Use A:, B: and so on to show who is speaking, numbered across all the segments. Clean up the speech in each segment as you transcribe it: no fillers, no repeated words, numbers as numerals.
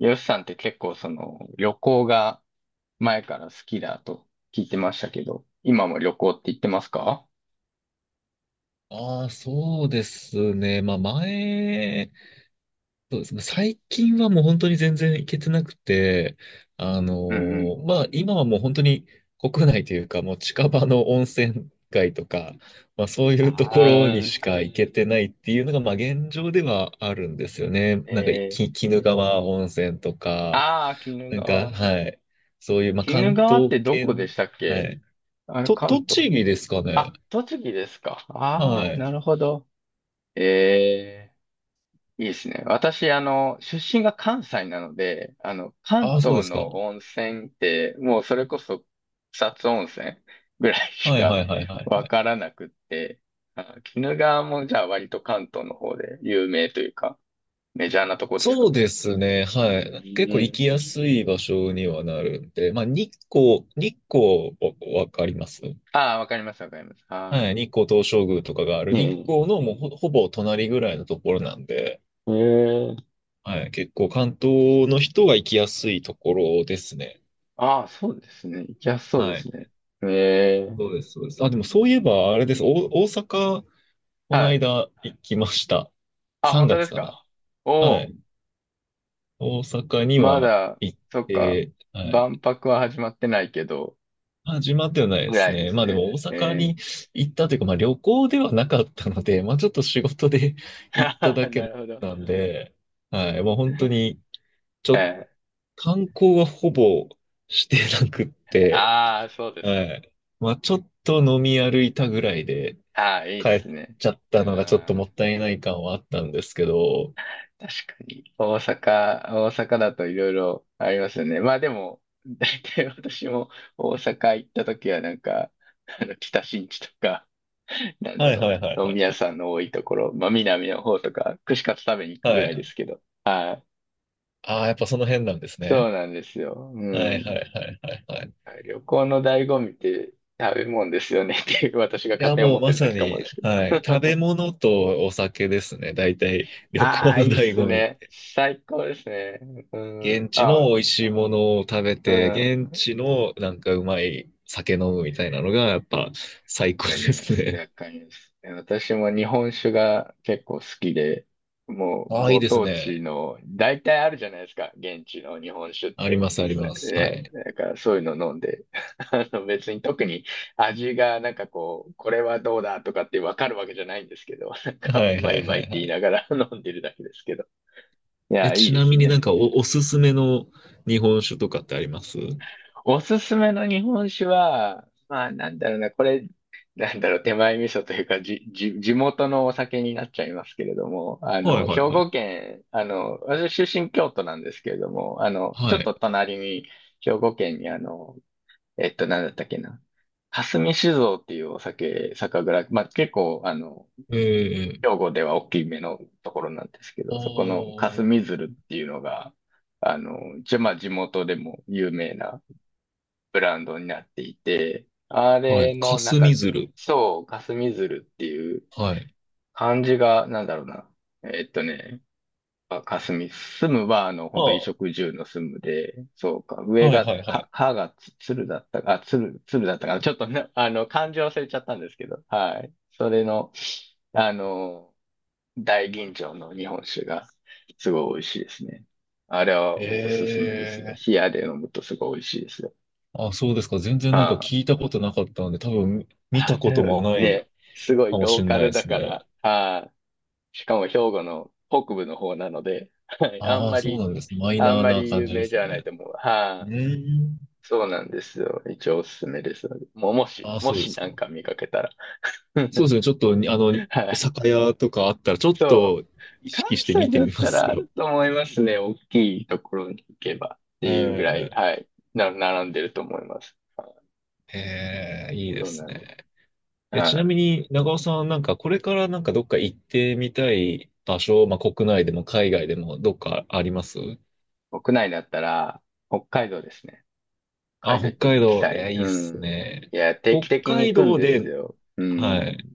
A: ヨシさんって結構その旅行が前から好きだと聞いてましたけど、今も旅行って言ってますか？
B: ああ、そうですね。まあ前、そうですね。最近はもう本当に全然行けてなくて、
A: うんうん。
B: まあ今はもう本当に国内というか、もう近場の温泉街とか、まあそう
A: あ
B: いうところにし
A: あ、
B: か行けてないっていうのが、まあ現状ではあるんですよね。なんか、
A: え
B: き
A: ー、
B: 鬼怒川温泉とか、
A: ああ、鬼怒
B: なんか、
A: 川。
B: はい。そういう、まあ
A: 鬼怒
B: 関
A: 川っ
B: 東
A: てどこで
B: 圏、
A: したっ
B: は
A: け？
B: い。
A: あれ、
B: と、
A: 関東。
B: 栃木ですかね。
A: あ、栃木ですか。
B: は
A: ああー、
B: い。
A: なるほど。ええ。いいですね。私、出身が関西なので、関
B: ああ、そうで
A: 東
B: すか。
A: の温泉って、もうそれこそ草津温泉ぐらいし
B: はい
A: か
B: はいはいはいは
A: わ
B: い。
A: からなくって、あ、鬼怒川もじゃあ割と関東の方で有名というか、メジャーなとこです
B: そう
A: か？
B: ですね。
A: う
B: はい。結構行
A: ーん。
B: きやすい場所にはなるんで、まあ、日光わかります
A: ああ、わかります、わかります。ああ。
B: はい。日光東照宮とかがある
A: え
B: 日光
A: え。
B: のもうほぼ隣ぐらいのところなんで、
A: ええ。
B: はい。結構関東の人が行きやすいところですね。
A: ああ、そうですね。行きやすそうで
B: は
A: す
B: い。
A: ね。ええ。
B: そうです、そうです。あ、でもそういえば、あれで
A: う
B: す。お、
A: ん。
B: 大阪、この
A: はい。
B: 間行きました。
A: あ、
B: 3
A: 本当で
B: 月
A: す
B: か
A: か？
B: な。
A: お
B: は
A: お
B: い。
A: ー。
B: 大阪に
A: ま
B: は
A: だ、
B: 行っ
A: そっか、
B: て、はい。
A: 万博は始まってないけど、
B: 始まってはない
A: ぐ
B: で
A: ら
B: す
A: いで
B: ね。
A: す
B: まあで
A: ね。
B: も大阪に行ったというか、まあ旅行ではなかったので、まあちょっと仕事で 行っただ け
A: なるほど。
B: なんで、はい、もう本当に、ちょ、
A: え
B: 観光はほぼしてなくって、
A: ああ、そうです
B: は
A: か。
B: い。まあちょっと飲み歩いたぐらいで
A: ああ、いいっ
B: 帰っ
A: すね。
B: ちゃっ
A: う
B: たのがちょっとも
A: ん。
B: ったいない感はあったんですけど、
A: 確かに、大阪だといろいろありますよね。まあでも、大体私も大阪行った時はなんか、北新地とか、なんだ
B: はいは
A: ろ
B: いはい
A: う、
B: は
A: 飲み屋
B: い。
A: さんの多いところ、まあ南の方とか、串カツ食べに行くぐ
B: は
A: らいで
B: い。
A: すけど。は
B: ああ、やっぱその辺なんです
A: い。そ
B: ね。
A: うなんですよ。う
B: はいは
A: ん。
B: いはいはいはい。
A: 旅行の醍醐味って食べ物ですよねっていう私が
B: い
A: 勝
B: や、
A: 手に
B: も
A: 思
B: う
A: って
B: ま
A: るだ
B: さ
A: けかも
B: に、
A: ですけど。
B: はい。食べ物とお酒ですね。大体、旅
A: あ
B: 行
A: あ、
B: の
A: いいっ
B: 醍
A: す
B: 醐味。
A: ね。最高ですね。う
B: 現
A: ん。
B: 地
A: あ、
B: の美味しいものを食べ
A: う
B: て、
A: ん。
B: 現地のなんかうまい酒飲むみたいなのが、やっぱ最高
A: か
B: で
A: りま
B: す
A: す。
B: ね。
A: わかります。私も日本酒が結構好きで、もう
B: ああ、いい
A: ご
B: です
A: 当
B: ね。
A: 地の、大体あるじゃないですか、現地の日本酒っ
B: あり
A: て。
B: ます、あ
A: 実
B: り
A: 際
B: ます。は
A: ね。
B: い。
A: だからそういうの飲んで、別に特に味がなんかこう、これはどうだとかってわかるわけじゃないんですけど、なんか
B: は
A: う
B: い、は
A: まい
B: い、
A: うま
B: は
A: いって
B: い、は
A: 言い
B: い。
A: ながら 飲んでるだけですけど。い
B: え、
A: や、いい
B: ち
A: で
B: な
A: す
B: みに
A: ね。
B: なんかおすすめの日本酒とかってあります。は
A: おすすめの日本酒は、まあなんだろうな、これ、なんだろう、手前味噌というか、地元のお酒になっちゃいますけれども、
B: い、はい、
A: 兵
B: はい。
A: 庫県、私出身京都なんですけれども、ちょ
B: は
A: っ
B: い。
A: と隣に、兵庫県になんだったっけな、霞酒造っていうお酒、酒蔵、まあ結構、
B: ええ
A: 兵庫では大きめのところなんですけ
B: ああ
A: ど、そこの
B: ー、
A: 霞鶴っていうのが、一応まあ地元でも有名な、ブランドになっていて、あ
B: は
A: れ
B: い。
A: の、なん
B: 霞
A: か、
B: 鶴。
A: そう、霞鶴っていう
B: はい。
A: 漢字が、なんだろうな。えっとね、あ霞、住むは、
B: あ
A: 本当衣
B: あ、
A: 食住の住むで、そうか、上
B: はい、
A: が、
B: はい、はい。
A: かがつ鶴だったか、あ、鶴だったかな。ちょっとね、漢字忘れちゃったんですけど、はい。それの、あの、大吟醸の日本酒が、すごい美味しいですね。あれはおすすめですね。
B: ええ
A: 冷やで飲むとすごい美味しいですよ。
B: あ、そうですか。全然
A: は
B: なんか聞
A: い。
B: いたことなかったので、多分見
A: あ、
B: た
A: 多
B: ことも
A: 分
B: ない
A: ね、すご
B: か
A: い
B: もし
A: ロー
B: れ
A: カ
B: ない
A: ル
B: で
A: だ
B: す
A: か
B: ね。
A: ら、はい。しかも兵庫の北部の方なので、はい。あん
B: ああ、
A: ま
B: そう
A: り、
B: なんです。マイ
A: あん
B: ナー
A: ま
B: な
A: り
B: 感
A: 有
B: じで
A: 名じ
B: す
A: ゃない
B: ね。
A: と思う。
B: う
A: はい。
B: ーん。
A: そうなんですよ。一応おすすめです。もう、もし、
B: ああ、
A: も
B: そうで
A: し
B: す
A: な
B: か。
A: んか見かけたら。
B: そうで すね。ちょっとに、あの、
A: は
B: お
A: い。
B: 酒屋とかあったら、ちょっ
A: そう。
B: と意
A: 関
B: 識して
A: 西
B: 見て
A: だっ
B: みま
A: た
B: す
A: らある
B: よ。
A: と思いますね。大きいところに行けばって
B: え
A: いうぐらい、
B: え、
A: はい。並んでると思います。はい。
B: ええ、いいで
A: そう
B: す
A: なんです。
B: ね。え、ちな
A: は
B: みに、長尾さん、なんかこれからなんかどっか行ってみたい場所、まあ、国内でも海外でもどっかあります。
A: い。国内だったら、北海道ですね。カ
B: あ、
A: 海道行
B: 北
A: って
B: 海
A: 行き
B: 道、い
A: たい。
B: や、いい
A: う
B: っす
A: ん。
B: ね。
A: いや、定期
B: 北
A: 的に行
B: 海
A: くん
B: 道
A: です
B: で、
A: よ。う
B: は
A: ん。
B: い。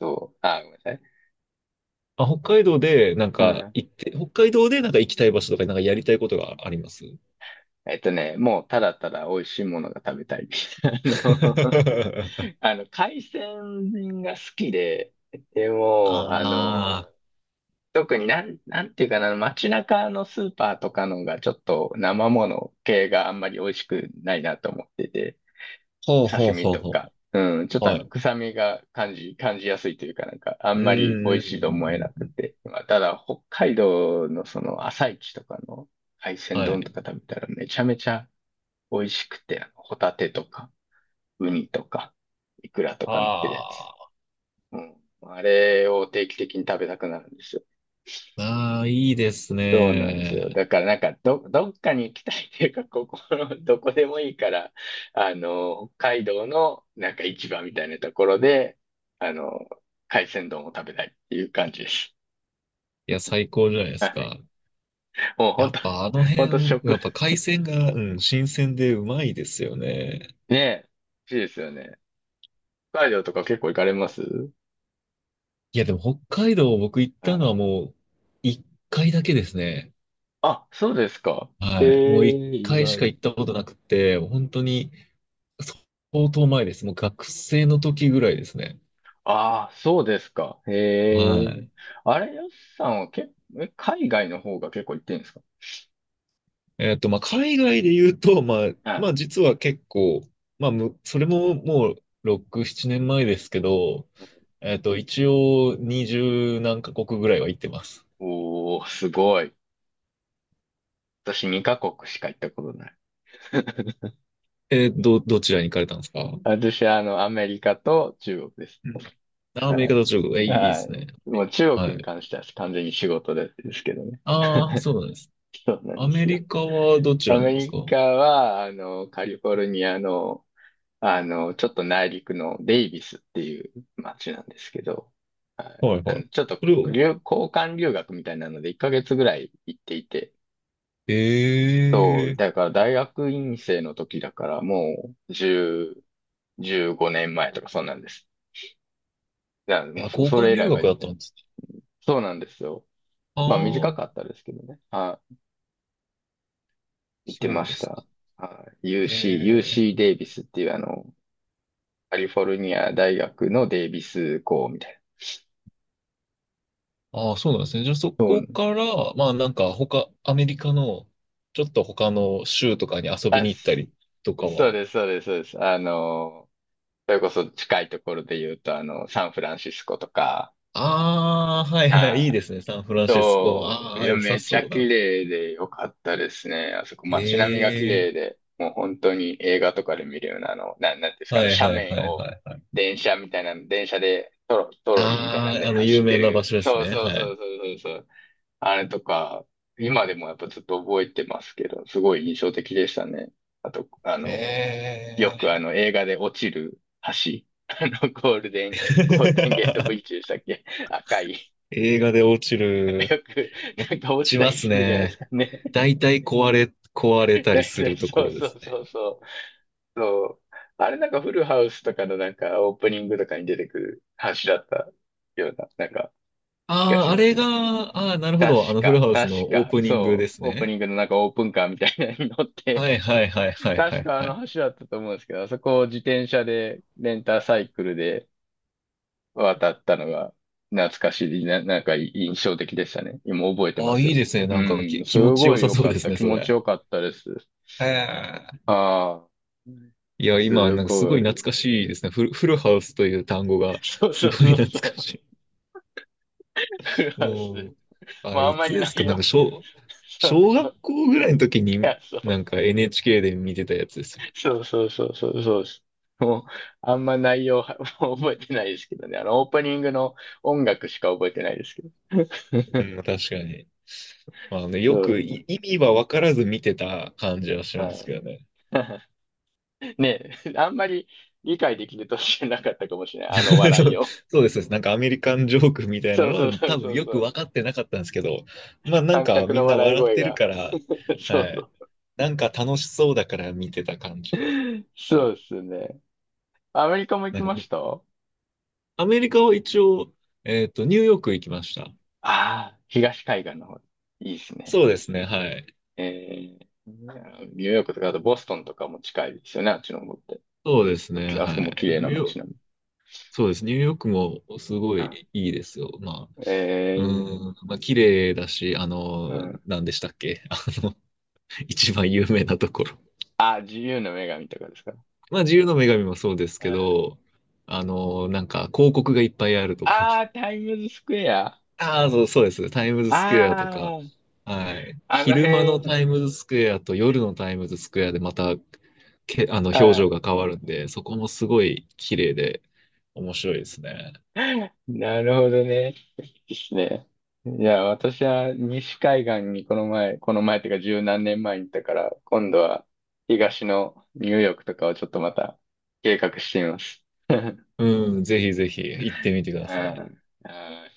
A: そう。あ、ごめんなさい。
B: あ、北海道で、なん
A: は
B: か、
A: い。
B: 行って、北海道で、なんか行きたい場所とか、なんかやりたいことがあります。
A: もうただただ美味しいものが食べたい。あの、海鮮が好きで、でも、
B: ああ、
A: 特になんていうかな、街中のスーパーとかのがちょっと生もの系があんまり美味しくないなと思ってて。
B: ほう
A: 刺
B: ほう
A: 身
B: ほう
A: と
B: ほ
A: か、
B: う。
A: うん、ちょっと
B: はい。
A: 臭みが感じやすいというか、なんか、あ
B: う
A: んまり
B: ん
A: 美味
B: うんう
A: しいと思えな
B: んうん
A: く
B: うん。
A: て。まあ、ただ、北海道の朝市とかの海鮮
B: は
A: 丼と
B: い。
A: か食べたらめちゃめちゃ美味しくて、あのホタテとか、ウニとか、イクラとか乗ってるやつ。
B: あ
A: うん。あれを定期的に食べたくなるんですよ。
B: ーあー、いいです
A: そうなんですよ。
B: ね。
A: だからなんかどっかに行きたいっていうか、ここ、のどこでもいいから、北海道のなんか市場みたいなところで、あの、海鮮丼を食べたいっていう感じです。
B: いや、最高じゃないで
A: は
B: す
A: い。
B: か。
A: もう
B: や
A: 本
B: っ
A: 当、
B: ぱあの
A: 本当
B: 辺、や
A: 食、
B: っぱ海鮮が、うん、新鮮でうまいですよね。
A: ねえ、美味しいですよね。北海道とか結構行かれます？
B: いや、でも北海道僕行っ
A: は
B: たの
A: い。
B: はもう一回だけですね。
A: あ、そうですか。え
B: はい。もう一
A: え、意
B: 回しか行
A: 外。
B: ったことなくて、本当に相当前です。もう学生の時ぐらいですね。
A: ああ、そうですか。
B: は
A: ええ。
B: い。
A: あれ、よしさんは結構、海外の方が結構行ってるんですか？
B: えっと、まあ、海外で言うと、まあ、
A: は
B: まあ、
A: い。
B: 実は結構、まあ、それももう6、7年前ですけど、えっと、一応20何カ国ぐらいは行ってます。
A: おー、すごい。私2カ国しか行ったことない。
B: えー、どちらに行かれたんですか。
A: 私はアメリカと中国です。
B: うん。あア
A: は
B: メリカと中国、え、い
A: い
B: いいいで
A: は
B: すね。
A: い。もう
B: え
A: 中
B: は
A: 国に
B: い。
A: 関しては完全に仕事でですけどね。
B: ああ、そうなんです。
A: そうなん
B: ア
A: で
B: メ
A: すよ。
B: リカはどち
A: ア
B: らな
A: メ
B: んですか。
A: リ
B: は
A: カは、カリフォルニアの、ちょっと内陸のデイビスっていう街なんですけど、は
B: い
A: い。
B: はい。そ
A: ちょっと
B: れを、
A: 交換留学みたいなので1ヶ月ぐらい行っていて、
B: ええい
A: だから大学院生の時だからもう10、15年前とかそんなんです。いや、も
B: や、
A: う
B: 交
A: そ
B: 換
A: れ以
B: 留
A: 来は
B: 学
A: 行っ
B: だっ
A: て
B: た
A: な
B: ん
A: い。
B: ですね。
A: そうなんですよ。
B: あ
A: まあ短か
B: あ、
A: ったですけどね。はい。行って
B: そ
A: ま
B: うで
A: し
B: すか。
A: た。はい。UC、
B: え
A: UC
B: え
A: デイビスっていうカリフォルニア大学のデイビス校みたい
B: ああ、そうなんですね。じゃあそ
A: な。そ
B: こ
A: う。
B: から、まあなんか他、アメリカの、ちょっと他の州とかに遊び
A: あ、
B: に行った
A: し
B: りとか
A: そう
B: は。
A: です、そうです、そうです。それこそ近いところで言うと、サンフランシスコとか、
B: ああ、はいはい、
A: は
B: いいで
A: い。
B: すね。サンフランシスコ。
A: そう。
B: あ
A: い
B: あ、
A: や、
B: 良さ
A: めちゃ
B: そう
A: 綺
B: だな。
A: 麗でよかったですね。あそこ街並みが綺
B: え
A: 麗
B: え
A: で、もう本当に映画とかで見るような、なんていうんですか、
B: はいは
A: 斜
B: いは
A: 面
B: い
A: を
B: はいはい。
A: 電車みたいな、電車でトロリーみたいなん
B: ああ、
A: で
B: あの、
A: 走
B: 有
A: って
B: 名な場
A: る。
B: 所です
A: そう
B: ね。
A: そう
B: は
A: そ
B: い。
A: うそうそうそう。あれとか、今でもやっぱずっと覚えてますけど、すごい印象的でしたね。あと、
B: え
A: よく
B: え
A: 映画で落ちる橋。ゴールデンゲートブリッ ジでしたっけ？赤い。
B: 映画で落ちる。
A: よく、
B: 落
A: なんか落ち
B: ち
A: た
B: ま
A: り
B: す
A: するじゃないです
B: ね。
A: かね。
B: 大体壊れ、壊れ た
A: だ
B: り
A: い
B: す
A: たい
B: るとこ
A: そう
B: ろで
A: そ
B: す
A: う
B: ね。
A: そうそう。そう。あれなんかフルハウスとかのなんかオープニングとかに出てくる話だったような、なんか気が
B: あ
A: し
B: あ、あ
A: ま
B: れ
A: す
B: が、
A: ね。
B: ああ、なるほ
A: 確
B: ど。あの、フル
A: か、
B: ハウス
A: 確
B: のオー
A: か、
B: プニングで
A: そ
B: す
A: う、オープ
B: ね。
A: ニングのなんかオープンカーみたいなのに乗って、
B: はいはいはいは いは
A: 確
B: い
A: かあ
B: は
A: の
B: い。
A: 橋だったと思うんですけど、あそこを自転車で、レンタサイクルで渡ったのが懐かしい、なんか印象的でしたね。今覚えて
B: あ
A: ま
B: あ、
A: す
B: いい
A: よ。
B: ですね。なんか
A: う
B: き、
A: ん、
B: 気
A: す
B: 持ち
A: ご
B: よ
A: い
B: さ
A: 良
B: そう
A: か
B: で
A: っ
B: す
A: た。
B: ね、
A: 気
B: そ
A: 持ち
B: れ。
A: よかったです。
B: へえ。
A: ああ、
B: いや、今、
A: す
B: なんかす
A: ご
B: ごい
A: い。
B: 懐かしいですね。フルハウスという単語が、
A: そう
B: す
A: そ
B: ご
A: う
B: い
A: そ
B: 懐
A: うそ
B: か
A: う。
B: し
A: フ
B: い。
A: ランス。
B: もう、あ、
A: まあ、あん
B: い
A: ま
B: つ
A: り
B: で
A: な
B: す
A: い
B: かなん
A: よ。
B: か、小、
A: そう
B: 小
A: そう。
B: 学校ぐらいの時
A: い
B: に、
A: や、そ
B: なん
A: う。
B: か NHK で見てたやつですよ。
A: そうそうそうそうそうです。もう、あんま内容は、もう覚えてないですけどね。オープニングの音楽しか覚えてないですけど。
B: う ん、確かに。まあね、よ
A: そ
B: く
A: う。
B: い意味は分からず見てた感じはし
A: う
B: ますけ
A: ん。
B: どね。
A: ねえ、あんまり理解できる年じゃなかったかもしれない。あの 笑
B: そ
A: い
B: う
A: を。
B: そうです。なんかアメリカンジョークみたいな
A: そう
B: のは
A: そうそう
B: 多分
A: そう
B: よ
A: そ
B: く
A: う。
B: 分かってなかったんですけど、まあなん
A: 観
B: か
A: 客
B: みん
A: の
B: な
A: 笑い
B: 笑っ
A: 声
B: てる
A: が。
B: から、
A: そう
B: はい。
A: そう。
B: なんか楽しそうだから見てた感じで。は
A: そう
B: い。
A: ですね。アメリカも行
B: な
A: き
B: んか
A: まし
B: み
A: た？あ
B: アメリカは一応、えっと、ニューヨーク行きました。
A: あ、東海岸の方。いいですね。
B: そうですね、はい。
A: えニューヨークとか、あとボストンとかも近いですよね、あっちの方って。
B: そうですね、
A: あそ
B: は
A: こも綺
B: い。ニ
A: 麗
B: ュ
A: な
B: ーヨー
A: 街
B: ク、
A: 並み。
B: そうです。ニューヨークもすご
A: うん。
B: いいいですよ。ま
A: え
B: あ、
A: ー、
B: うん、まあ、綺麗だし、あ
A: う
B: の、
A: ん。
B: 何でしたっけ あの、一番有名なところ。
A: あ、自由の女神とかですか。うん、
B: まあ、自由の女神もそうですけど、あの、なんか広告がいっぱいあるところ。
A: ああ、タイムズスクエア。あ
B: ああ、そう、そうです。タイムズスクエアとか。
A: あ、
B: はい。
A: あの
B: 昼間の
A: 辺。
B: タイムズスクエアと夜のタイムズスクエアでまた、あの、表
A: は
B: 情
A: い。
B: が変わるんで、そこもすごい綺麗で面白いですね。
A: なるほどね。ですね。いや、私は西海岸にこの前、この前っていうか十何年前に行ったから、今度は東のニューヨークとかをちょっとまた計画してみます。う
B: うん、ぜひぜひ行ってみてください。
A: んうん